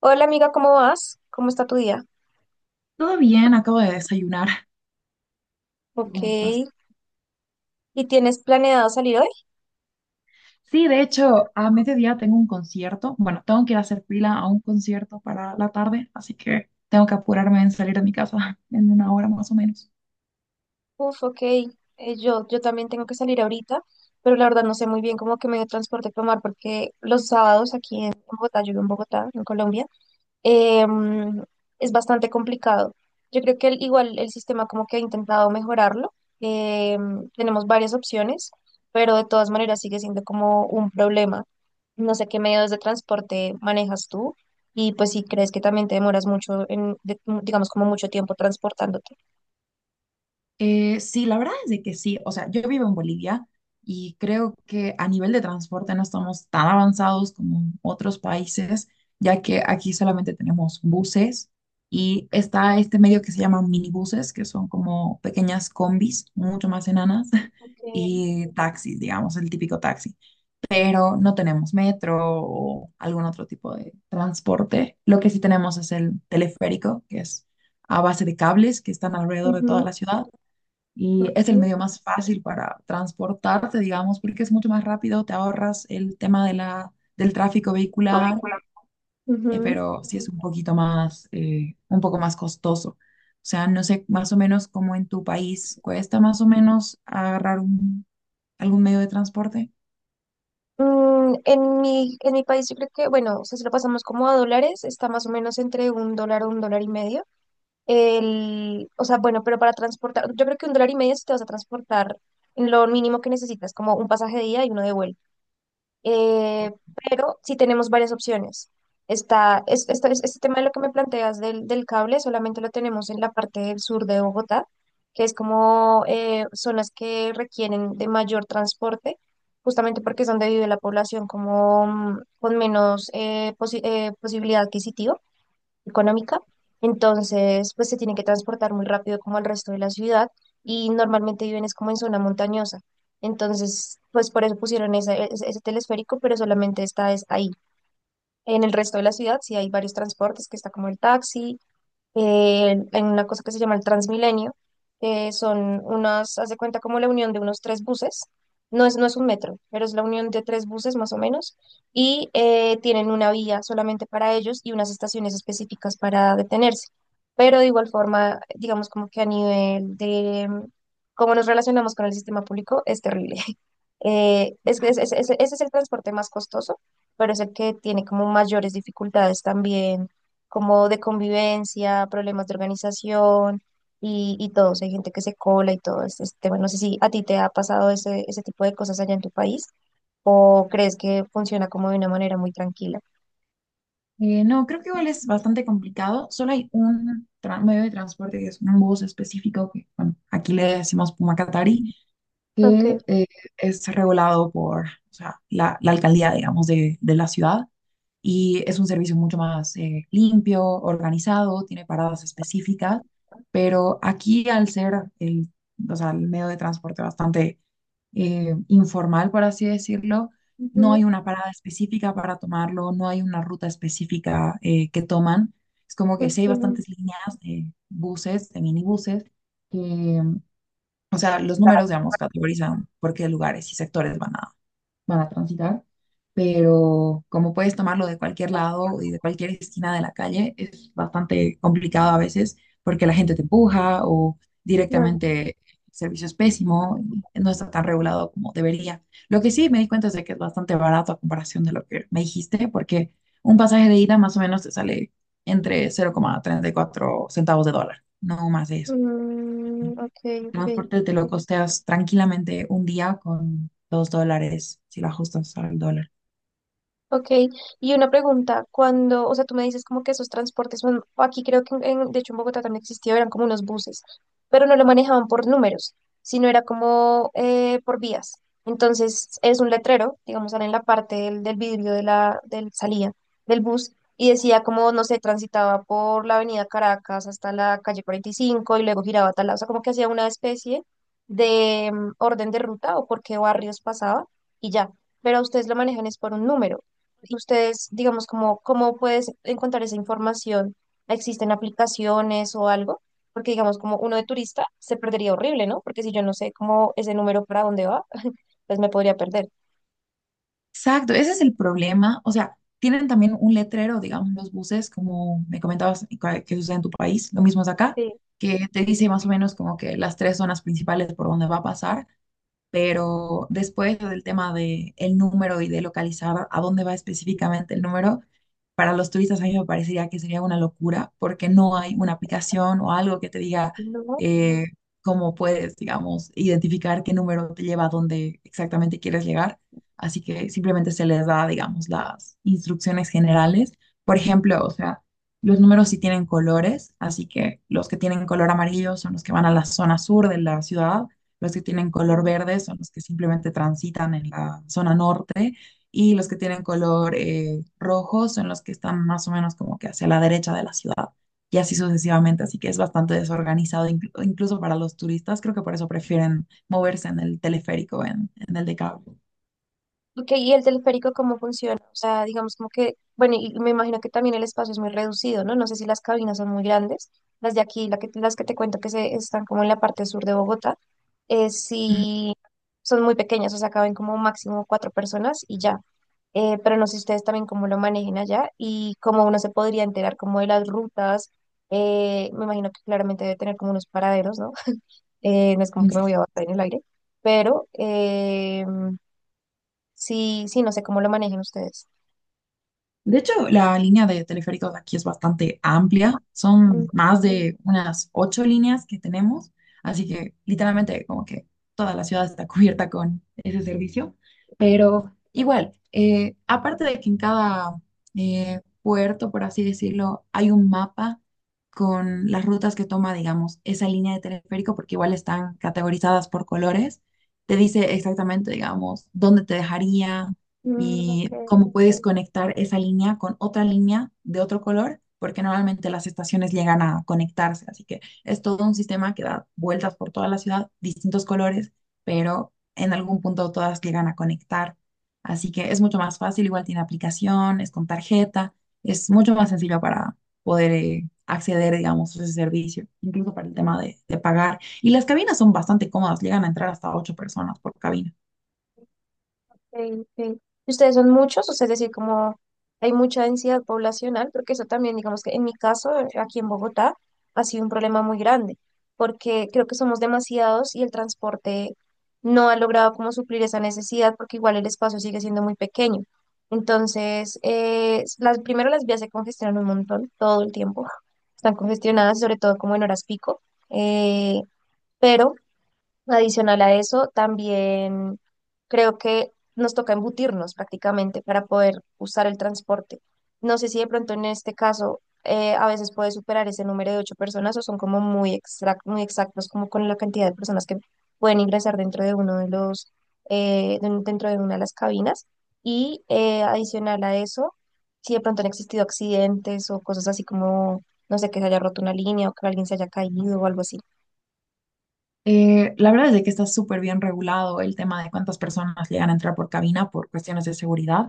Hola amiga, ¿cómo vas? ¿Cómo está tu día? Todo bien, acabo de desayunar. ¿Tú Ok. cómo estás? ¿Y tienes planeado salir hoy? Sí, de hecho, a mediodía tengo un concierto. Bueno, tengo que ir a hacer fila a un concierto para la tarde, así que tengo que apurarme en salir de mi casa en una hora más o menos. Uf, ok. Yo también tengo que salir ahorita, pero la verdad no sé muy bien cómo que medio de transporte tomar porque los sábados aquí en Bogotá, yo vivo en Bogotá, en Colombia, em, es bastante complicado. Yo creo que igual el sistema como que ha intentado mejorarlo. Tenemos varias opciones, pero de todas maneras sigue siendo como un problema. No sé qué medios de transporte manejas tú y pues si crees que también te demoras mucho en, digamos, como mucho tiempo transportándote. Sí, la verdad es de que sí. O sea, yo vivo en Bolivia y creo que a nivel de transporte no estamos tan avanzados como en otros países, ya que aquí solamente tenemos buses y está este medio que se llama minibuses, que son como pequeñas combis, mucho más enanas, Okay. y taxis, digamos, el típico taxi. Pero no tenemos metro o algún otro tipo de transporte. Lo que sí tenemos es el teleférico, que es a base de cables que están alrededor de toda Ujú, la ciudad y ok. es el medio más fácil para transportarte, digamos, porque es mucho más rápido, te ahorras el tema de del tráfico vehicular, Ridículo. Ujú. pero sí es un poquito más, un poco más costoso. O sea, no sé más o menos cómo en tu país cuesta más o menos agarrar algún medio de transporte. En mi país yo creo que, bueno, o sea, si lo pasamos como a dólares, está más o menos entre un dólar o un dólar y medio. El, o sea, bueno, pero para transportar, yo creo que un dólar y medio si te vas a transportar en lo mínimo que necesitas, como un pasaje de ida y uno de vuelta. Eh, pero sí tenemos varias opciones. Está, es- esto es- este tema de lo que me planteas del cable solamente lo tenemos en la parte del sur de Bogotá, que es como zonas que requieren de mayor transporte, justamente porque es donde vive la población como con menos posibilidad adquisitiva económica, entonces pues se tienen que transportar muy rápido como al resto de la ciudad y normalmente viven es como en zona montañosa. Entonces, pues por eso pusieron ese telesférico, pero solamente está es ahí. En el resto de la ciudad sí hay varios transportes, que está como el taxi en una cosa que se llama el Transmilenio, que son unas, haz de cuenta como la unión de unos tres buses, no es un metro, pero es la unión de tres buses más o menos, y tienen una vía solamente para ellos y unas estaciones específicas para detenerse. Pero de igual forma, digamos como que a nivel de cómo nos relacionamos con el sistema público es terrible. Es que ese es el transporte más costoso, pero es el que tiene como mayores dificultades también como de convivencia, problemas de organización y todo. O sea, hay gente que se cola y todo este tema. No sé si a ti te ha pasado ese tipo de cosas allá en tu país o crees que funciona como de una manera muy tranquila. No, creo que igual es bastante complicado. Solo hay un medio de transporte que es un bus específico que, bueno, aquí le decimos Pumacatari, Okay, que es regulado por, o sea, la alcaldía, digamos, de la ciudad. Y es un servicio mucho más limpio, organizado, tiene paradas específicas, pero aquí al ser el, o sea, el medio de transporte bastante informal, por así decirlo, no ujú, hay una parada específica para tomarlo, no hay una ruta específica que toman. Es como que ok, sí hay bastantes líneas de buses, de minibuses, que, o sea, los números, digamos, categorizan por qué lugares y sectores van a transitar, pero como puedes tomarlo de cualquier lado y de cualquier esquina de la calle, es bastante complicado a veces porque la gente te empuja o claro. directamente el servicio es pésimo y no está tan regulado como debería. Lo que sí me di cuenta es de que es bastante barato a comparación de lo que me dijiste, porque un pasaje de ida más o menos te sale entre cero coma treinta y cuatro centavos de dólar, no más de eso. Mm, ok, ok. Transporte te lo costeas tranquilamente un día con dos dólares, si lo ajustas al dólar. Ok, y una pregunta, cuando, o sea, tú me dices como que esos transportes, bueno, aquí creo que, de hecho en Bogotá también existía, eran como unos buses, pero no lo manejaban por números, sino era como por vías. Entonces es un letrero, digamos, sale en la parte del vidrio de la del salida del bus y decía como, no sé, transitaba por la avenida Caracas hasta la calle 45 y cinco y luego giraba a tal lado, o sea, como que hacía una especie de orden de ruta o por qué barrios pasaba y ya, pero ustedes lo manejan es por un número ustedes, digamos, como, ¿cómo puedes encontrar esa información? ¿Existen aplicaciones o algo? Porque, digamos, como uno de turista se perdería horrible, ¿no? Porque si yo no sé cómo ese número para dónde va, pues me podría perder. Exacto, ese es el problema. O sea, tienen también un letrero, digamos, los buses, como me comentabas que sucede en tu país, lo mismo es acá, Sí. que te dice más o menos como que las tres zonas principales por donde va a pasar. Pero después lo del tema de el número y de localizar a dónde va específicamente el número, para los turistas a mí me parecería que sería una locura porque no hay una aplicación o algo que te diga No. eh, cómo puedes, digamos, identificar qué número te lleva a dónde exactamente quieres llegar. Así que simplemente se les da, digamos, las instrucciones generales. Por ejemplo, o sea, los números sí tienen colores, así que los que tienen color amarillo son los que van a la zona sur de la ciudad, los que tienen color verde son los que simplemente transitan en la zona norte y los que tienen color rojo son los que están más o menos como que hacia la derecha de la ciudad y así sucesivamente. Así que es bastante desorganizado incluso para los turistas. Creo que por eso prefieren moverse en el teleférico, en el de cable. Ok, ¿y el teleférico cómo funciona? O sea, digamos como que, bueno, y me imagino que también el espacio es muy reducido, ¿no? No sé si las cabinas son muy grandes. Las de aquí, las que te cuento están como en la parte sur de Bogotá, sí son muy pequeñas, o sea, caben como máximo 4 personas y ya. Pero no sé ustedes también cómo lo manejen allá y cómo uno se podría enterar como de las rutas. Me imagino que claramente debe tener como unos paraderos, ¿no? No es como que me voy Ujú. a bajar en el aire, pero... sí, sí, no sé cómo lo manejan ustedes. De hecho, la línea de teleféricos de aquí es bastante amplia. Mm, Son más de unas 8 líneas que tenemos. Así que literalmente como que toda la ciudad está cubierta con ese servicio. Pero igual, aparte de que en cada puerto, por así decirlo, hay un mapa con las rutas que toma, digamos, esa línea de teleférico, porque igual están categorizadas por colores. Te dice exactamente, digamos, dónde te dejaría, mm, ok, y cómo puedes conectar esa línea con otra línea de otro color, porque normalmente las estaciones llegan a conectarse, así que es todo un sistema que da vueltas por toda la ciudad, distintos colores, pero en algún punto todas llegan a conectar. Así que es mucho más fácil, igual tiene aplicación, es con tarjeta, es mucho más sencillo para poder acceder, digamos, a ese servicio, incluso para el tema de pagar. Y las cabinas son bastante cómodas, llegan a entrar hasta 8 personas por cabina. ok, ok. ¿Y ¿Ustedes son muchos? O sea, es decir, como hay mucha densidad poblacional, porque eso también, digamos que en mi caso, aquí en Bogotá, ha sido un problema muy grande, porque creo que somos demasiados y el transporte no ha logrado como suplir esa necesidad, porque igual el espacio sigue siendo muy pequeño. Entonces, primero las vías se congestionan un montón todo el tiempo, están congestionadas, sobre todo como en horas pico. eh, pero Adicional a eso, también creo que nos toca embutirnos prácticamente para poder usar el transporte. No sé si de pronto en este caso a veces puede superar ese número de 8 personas o son como muy exactos como con la cantidad de personas que pueden ingresar dentro de uno de los, de un- dentro de una de las cabinas. Y adicional a eso, si de pronto han existido accidentes o cosas así como, no sé, que se haya roto una línea o que alguien se haya caído o algo así. La verdad es de que está súper bien regulado el tema de cuántas personas llegan a entrar por cabina por cuestiones de seguridad.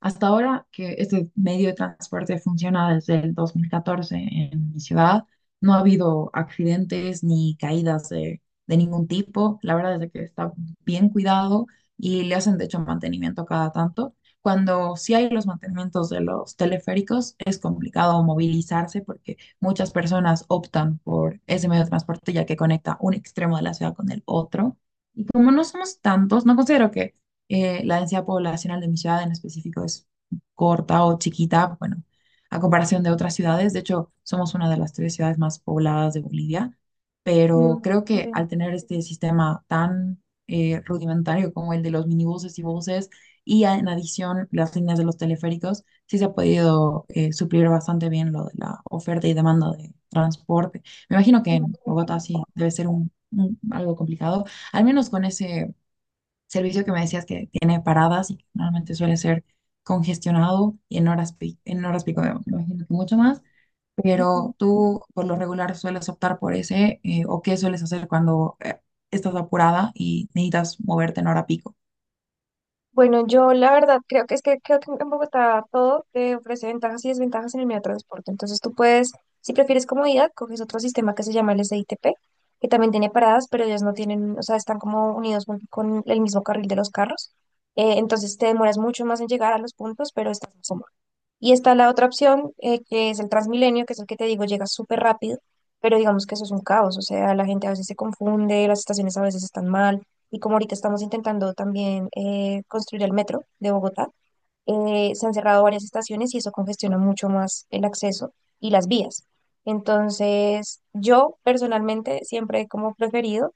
Hasta ahora que este medio de transporte funciona desde el 2014 en mi ciudad, no ha habido accidentes ni caídas de ningún tipo. La verdad es de que está bien cuidado y le hacen de hecho mantenimiento cada tanto. Cuando sí hay los mantenimientos de los teleféricos, es complicado movilizarse porque muchas personas optan por ese medio de transporte ya que conecta un extremo de la ciudad con el otro. Y como no somos tantos, no considero que la densidad poblacional de mi ciudad en específico es corta o chiquita, bueno, a comparación de otras ciudades. De hecho, somos una de las tres ciudades más pobladas de Bolivia, pero Mm, creo que al tener este sistema tan rudimentario como el de los minibuses y buses, y en adición las líneas de los teleféricos, sí se ha podido suplir bastante bien lo de la oferta y demanda de transporte. Me imagino que sí. en Bogotá sí debe ser algo complicado, al menos con ese servicio que me decías que tiene paradas y que normalmente suele ser congestionado y en horas pico me imagino que mucho más. Ujú. Pero tú por lo regular sueles optar por ese, o qué sueles hacer cuando estás apurada y necesitas moverte en hora pico. Bueno, yo la verdad creo que es que creo que en Bogotá todo te ofrece ventajas y desventajas en el medio de transporte. Entonces tú puedes, si prefieres comodidad, coges otro sistema que se llama el SITP, que también tiene paradas, pero ellas no tienen, o sea, están como unidos con el mismo carril de los carros. Entonces te demoras mucho más en llegar a los puntos, pero estás más cómodo. Y está la otra opción, que es el Transmilenio, que es el que te digo, llega súper rápido, pero digamos que eso es un caos, o sea, la gente a veces se confunde, las estaciones a veces están mal, y como ahorita estamos intentando también construir el metro de Bogotá, se han cerrado varias estaciones y eso congestiona mucho más el acceso y las vías. Entonces, yo personalmente siempre he como preferido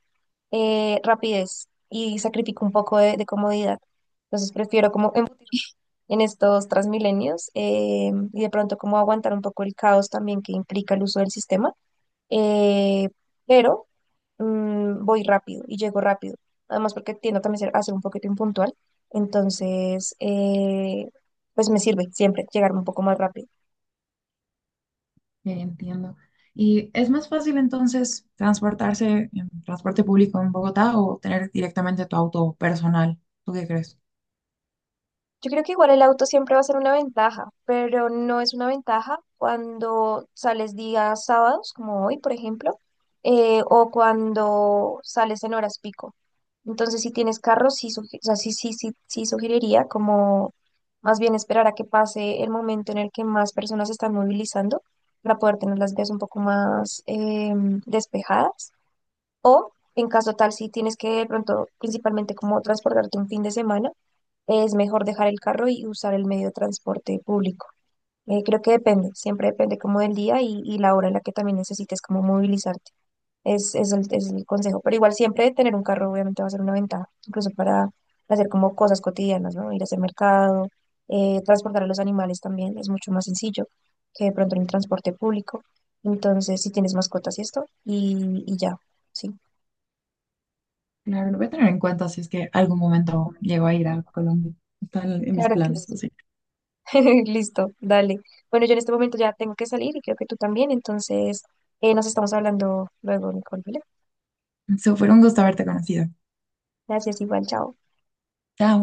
rapidez y sacrifico un poco de comodidad. Entonces, prefiero como... embutir en estos Transmilenios y de pronto cómo aguantar un poco el caos también que implica el uso del sistema, eh, pero voy rápido y llego rápido, además porque tiendo también a ser un poquito impuntual, entonces pues me sirve siempre llegar un poco más rápido. Ya entiendo. ¿Y es más fácil entonces transportarse en transporte público en Bogotá o tener directamente tu auto personal? ¿Tú qué crees? Yo creo que igual el auto siempre va a ser una ventaja, pero no es una ventaja cuando sales días sábados, como hoy, por ejemplo, o cuando sales en horas pico. Entonces, si tienes carro, o sea, sí, sí, sí, sí sugeriría como más bien esperar a que pase el momento en el que más personas se están movilizando para poder tener las vías un poco más despejadas. O en caso tal, si tienes que de pronto, principalmente como transportarte un fin de semana es mejor dejar el carro y usar el medio de transporte público. Creo que depende, siempre depende como del día y la hora en la que también necesites como movilizarte. Es el consejo, pero igual siempre tener un carro obviamente va a ser una ventaja, incluso para hacer como cosas cotidianas, ¿no? Ir a hacer mercado, transportar a los animales también es mucho más sencillo que de pronto en el transporte público. Entonces, si tienes mascotas y esto, y ya, sí. Claro, lo voy a tener en cuenta si es que algún momento llego a ir a Colombia. Están en mis Claro que sí. planes, así. Listo, dale. Bueno, yo en este momento ya tengo que salir y creo que tú también, entonces nos estamos hablando luego, Nicole, ¿vale? So, fue un gusto haberte conocido. Gracias, igual, chao. Chao.